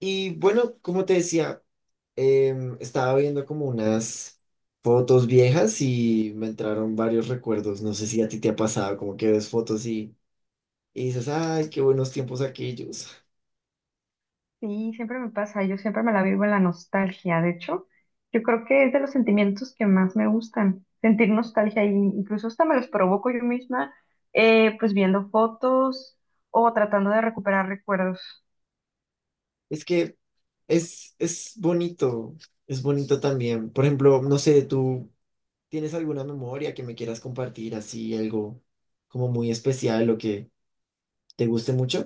Y bueno, como te decía, estaba viendo como unas fotos viejas y me entraron varios recuerdos. No sé si a ti te ha pasado, como que ves fotos y dices, ay, qué buenos tiempos aquellos. Sí, siempre me pasa, yo siempre me la vivo en la nostalgia. De hecho, yo creo que es de los sentimientos que más me gustan, sentir nostalgia y incluso hasta me los provoco yo misma, pues viendo fotos o tratando de recuperar recuerdos. Es que es, es bonito, es bonito también. Por ejemplo, no sé, ¿tú tienes alguna memoria que me quieras compartir así, algo como muy especial o que te guste mucho?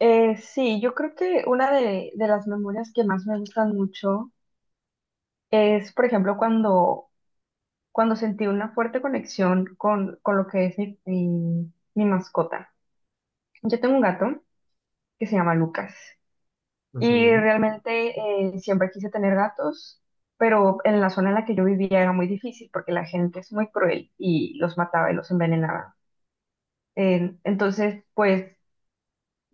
Sí, yo creo que una de las memorias que más me gustan mucho es, por ejemplo, cuando sentí una fuerte conexión con lo que es mi mascota. Yo tengo un gato que se llama Lucas. Y Ujú. realmente siempre quise tener gatos, pero en la zona en la que yo vivía era muy difícil porque la gente es muy cruel y los mataba y los envenenaba. Entonces, pues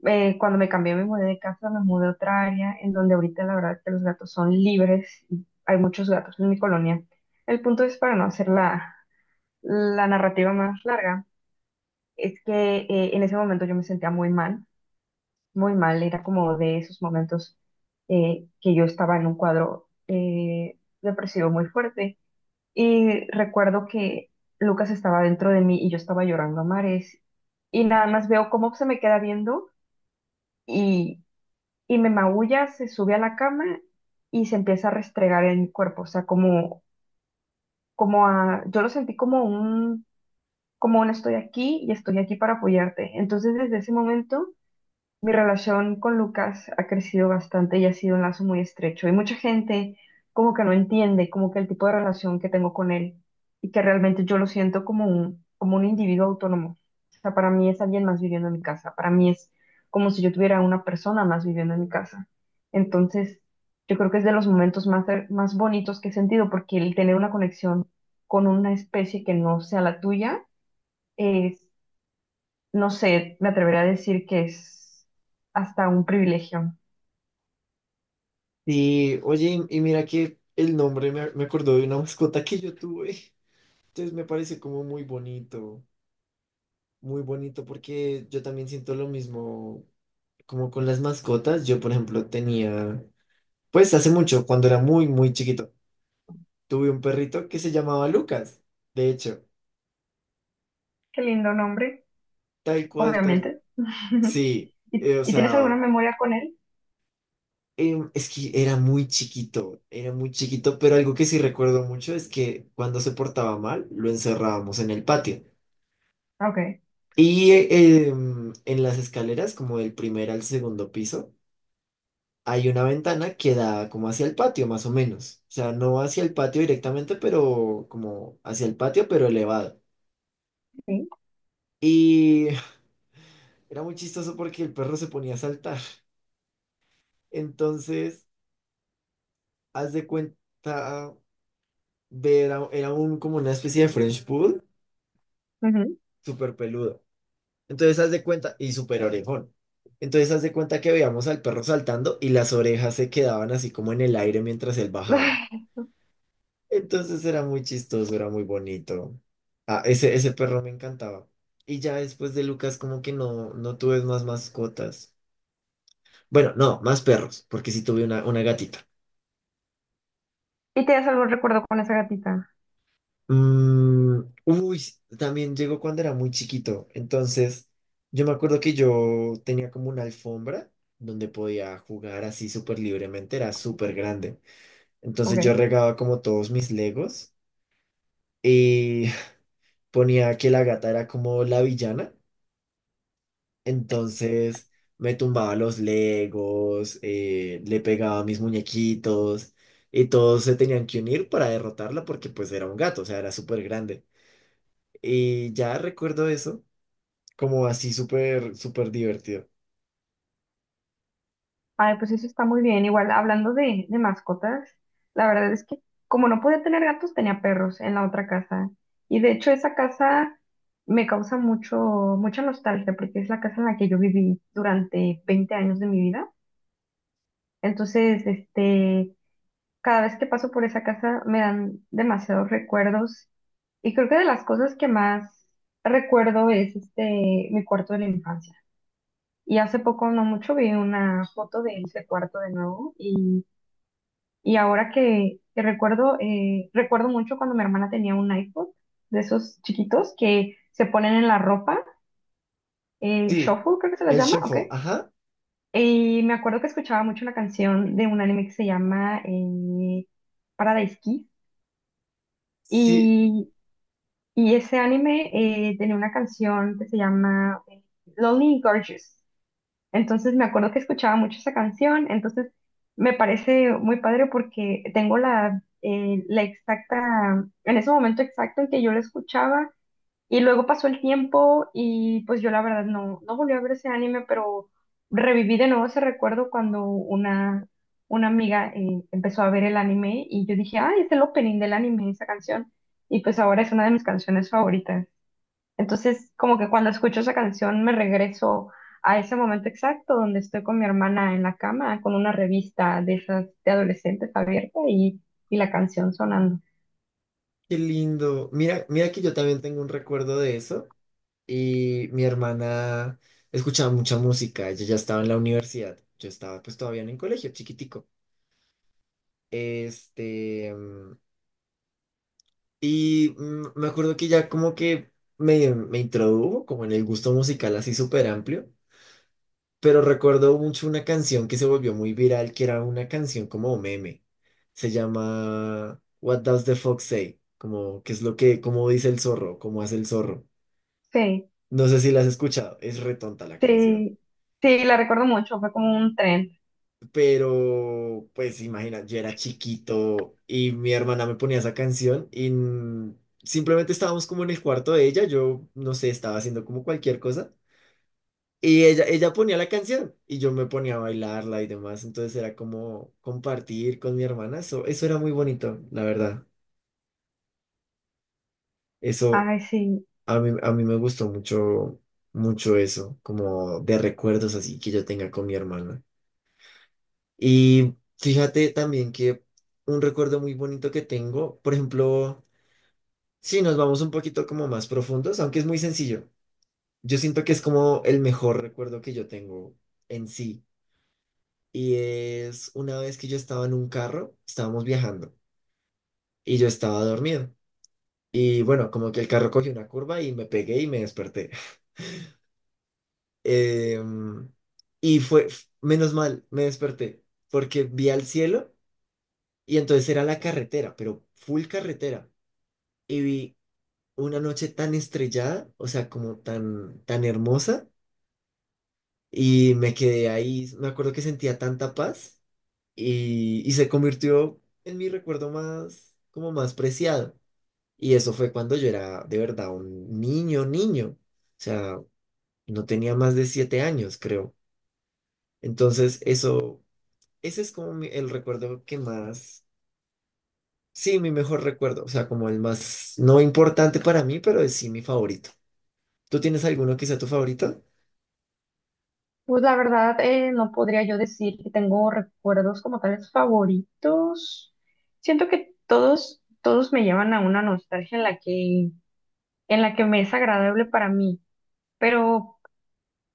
cuando me cambié, me mudé de casa, me mudé a otra área en donde ahorita la verdad es que los gatos son libres y hay muchos gatos en mi colonia. El punto es, para no hacer la narrativa más larga, es que en ese momento yo me sentía muy mal, era como de esos momentos que yo estaba en un cuadro depresivo muy fuerte. Y recuerdo que Lucas estaba dentro de mí y yo estaba llorando a mares. Y nada más veo cómo se me queda viendo y, y me maulla, se sube a la cama y se empieza a restregar en mi cuerpo. O sea, como, como a, yo lo sentí como un estoy aquí y estoy aquí para apoyarte. Entonces, desde ese momento mi relación con Lucas ha crecido bastante y ha sido un lazo muy estrecho. Y mucha gente como que no entiende como que el tipo de relación que tengo con él y que realmente yo lo siento como un individuo autónomo. O sea, para mí es alguien más viviendo en mi casa. Para mí es como si yo tuviera una persona más viviendo en mi casa. Entonces, yo creo que es de los momentos más, más bonitos que he sentido porque el tener una conexión con una especie que no sea la tuya es, no sé, me atrevería a decir que es hasta un privilegio. Y oye, y mira que el nombre me acordó de una mascota que yo tuve. Entonces me parece como muy bonito porque yo también siento lo mismo como con las mascotas. Yo, por ejemplo, tenía, pues hace mucho, cuando era muy, muy chiquito, tuve un perrito que se llamaba Lucas. De hecho, Qué lindo nombre, tal cual, tal. obviamente. Sí, ¿Y, o y sea, tienes alguna memoria con él? Es que era muy chiquito, pero algo que sí recuerdo mucho es que cuando se portaba mal, lo encerrábamos en el patio. Ok. Y en las escaleras, como del primer al segundo piso hay una ventana que da como hacia el patio, más o menos. O sea, no hacia el patio directamente, pero como hacia el patio, pero elevado. Sí. Y era muy chistoso porque el perro se ponía a saltar. Entonces, haz de cuenta, era un, como una especie de French Poodle, Ujú. súper peludo. Entonces, haz de cuenta, y súper orejón. Entonces, haz de cuenta que veíamos al perro saltando y las orejas se quedaban así como en el aire mientras él bajaba. Entonces era muy chistoso, era muy bonito. Ah, ese perro me encantaba. Y ya después de Lucas, como que no, no tuve más mascotas. Bueno, no, más perros, porque sí tuve una gatita. ¿Y tienes algún recuerdo con esa gatita? Uy, también llegó cuando era muy chiquito. Entonces, yo me acuerdo que yo tenía como una alfombra donde podía jugar así súper libremente, era súper grande. Ok. Entonces yo regaba como todos mis legos y ponía que la gata era como la villana. Entonces me tumbaba los Legos, le pegaba a mis muñequitos y todos se tenían que unir para derrotarla porque pues era un gato, o sea, era súper grande. Y ya recuerdo eso como así súper, súper divertido. Ay, pues eso está muy bien. Igual, hablando de mascotas, la verdad es que como no podía tener gatos, tenía perros en la otra casa. Y de hecho, esa casa me causa mucho, mucha nostalgia porque es la casa en la que yo viví durante 20 años de mi vida. Entonces, este, cada vez que paso por esa casa me dan demasiados recuerdos y creo que de las cosas que más recuerdo es este, mi cuarto de la infancia. Y hace poco, no mucho, vi una foto de ese cuarto de nuevo y ahora que recuerdo, recuerdo mucho cuando mi hermana tenía un iPod de esos chiquitos que se ponen en la ropa, Sí, shuffle creo que se la el llama, ¿ok? Shuffle, ajá, Y me acuerdo que escuchaba mucho una canción de un anime que se llama Paradise Kiss. sí, Y, y ese anime tenía una canción que se llama Lonely and Gorgeous. Entonces me acuerdo que escuchaba mucho esa canción. Entonces me parece muy padre porque tengo la, la exacta, en ese momento exacto en que yo la escuchaba, y luego pasó el tiempo y pues yo la verdad no, no volví a ver ese anime, pero reviví de nuevo ese recuerdo cuando una amiga empezó a ver el anime y yo dije, ah, es el opening del anime, esa canción. Y pues ahora es una de mis canciones favoritas. Entonces, como que cuando escucho esa canción me regreso a ese momento exacto donde estoy con mi hermana en la cama con una revista de esas de adolescentes abierta y la canción sonando. qué lindo. Mira, mira que yo también tengo un recuerdo de eso y mi hermana escuchaba mucha música, ella ya estaba en la universidad, yo estaba pues todavía en el colegio, chiquitico. Este, mm, me acuerdo que ya como que me introdujo como en el gusto musical así súper amplio, pero recuerdo mucho una canción que se volvió muy viral, que era una canción como meme. Se llama What Does the Fox Say? Como, ¿qué es lo que, cómo dice el zorro? ¿Cómo hace el zorro? Sí, No sé si la has escuchado, es retonta la canción. sí, sí, la recuerdo mucho, fue como un tren. Pero, pues imagina, yo era chiquito y mi hermana me ponía esa canción simplemente estábamos como en el cuarto de ella, yo no sé, estaba haciendo como cualquier cosa y ella ponía la canción y yo me ponía a bailarla y demás, entonces era como compartir con mi hermana, eso era muy bonito, la verdad. Eso Ay, sí. a mí me gustó mucho, mucho eso, como de recuerdos así que yo tenga con mi hermana. Y fíjate también que un recuerdo muy bonito que tengo, por ejemplo, si nos vamos un poquito como más profundos, aunque es muy sencillo, yo siento que es como el mejor recuerdo que yo tengo en sí. Y es una vez que yo estaba en un carro, estábamos viajando y yo estaba dormido. Y bueno, como que el carro cogió una curva y me pegué y me desperté. Em, y menos mal, me desperté porque vi al cielo y entonces era la carretera, pero full carretera. Y vi una noche tan estrellada, o sea, como tan, tan hermosa, y me quedé ahí, me acuerdo que sentía tanta paz y se convirtió en mi recuerdo más, como más preciado. Y eso fue cuando yo era de verdad un niño, niño, o sea, no tenía más de 7 años, creo. Entonces, eso, ese es como el recuerdo que más, sí, mi mejor recuerdo, o sea, como el más, no importante para mí, pero es sí mi favorito. ¿Tú tienes alguno que sea tu favorito? Pues la verdad, no podría yo decir que tengo recuerdos como tales favoritos. Siento que todos, todos me llevan a una nostalgia en en la que me es agradable para mí. Pero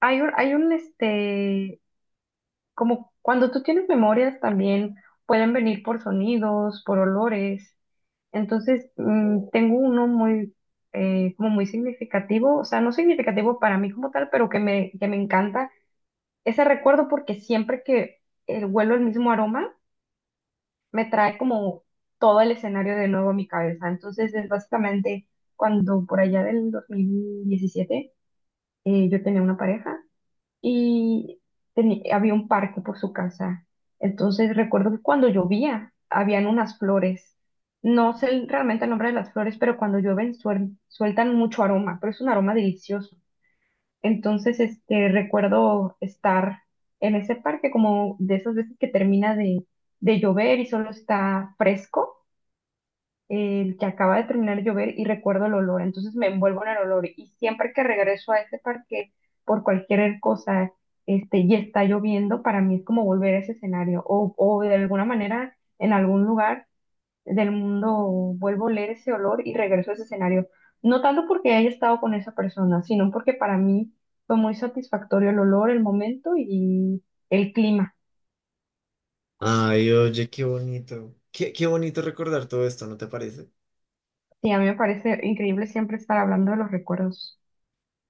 hay un, este, como cuando tú tienes memorias también pueden venir por sonidos, por olores. Entonces, mm, tengo uno muy, como muy significativo, o sea, no significativo para mí como tal, pero que que me encanta ese recuerdo porque siempre que huelo el mismo aroma, me trae como todo el escenario de nuevo a mi cabeza. Entonces es básicamente cuando por allá del 2017 yo tenía una pareja y había un parque por su casa. Entonces recuerdo que cuando llovía, habían unas flores. No sé realmente el nombre de las flores, pero cuando llueven sueltan mucho aroma, pero es un aroma delicioso. Entonces, este, recuerdo estar en ese parque como de esas veces que termina de llover y solo está fresco, el que acaba de terminar de llover y recuerdo el olor, entonces me envuelvo en el olor y siempre que regreso a ese parque por cualquier cosa, este, y está lloviendo, para mí es como volver a ese escenario o de alguna manera en algún lugar del mundo vuelvo a leer ese olor y regreso a ese escenario. No tanto porque haya estado con esa persona, sino porque para mí fue muy satisfactorio el olor, el momento y el clima. Ay, oye, qué bonito. Qué, qué bonito recordar todo esto, ¿no te parece? Sí, a mí me parece increíble siempre estar hablando de los recuerdos.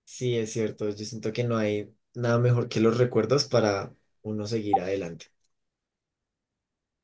Sí, es cierto. Yo siento que no hay nada mejor que los recuerdos para uno seguir adelante.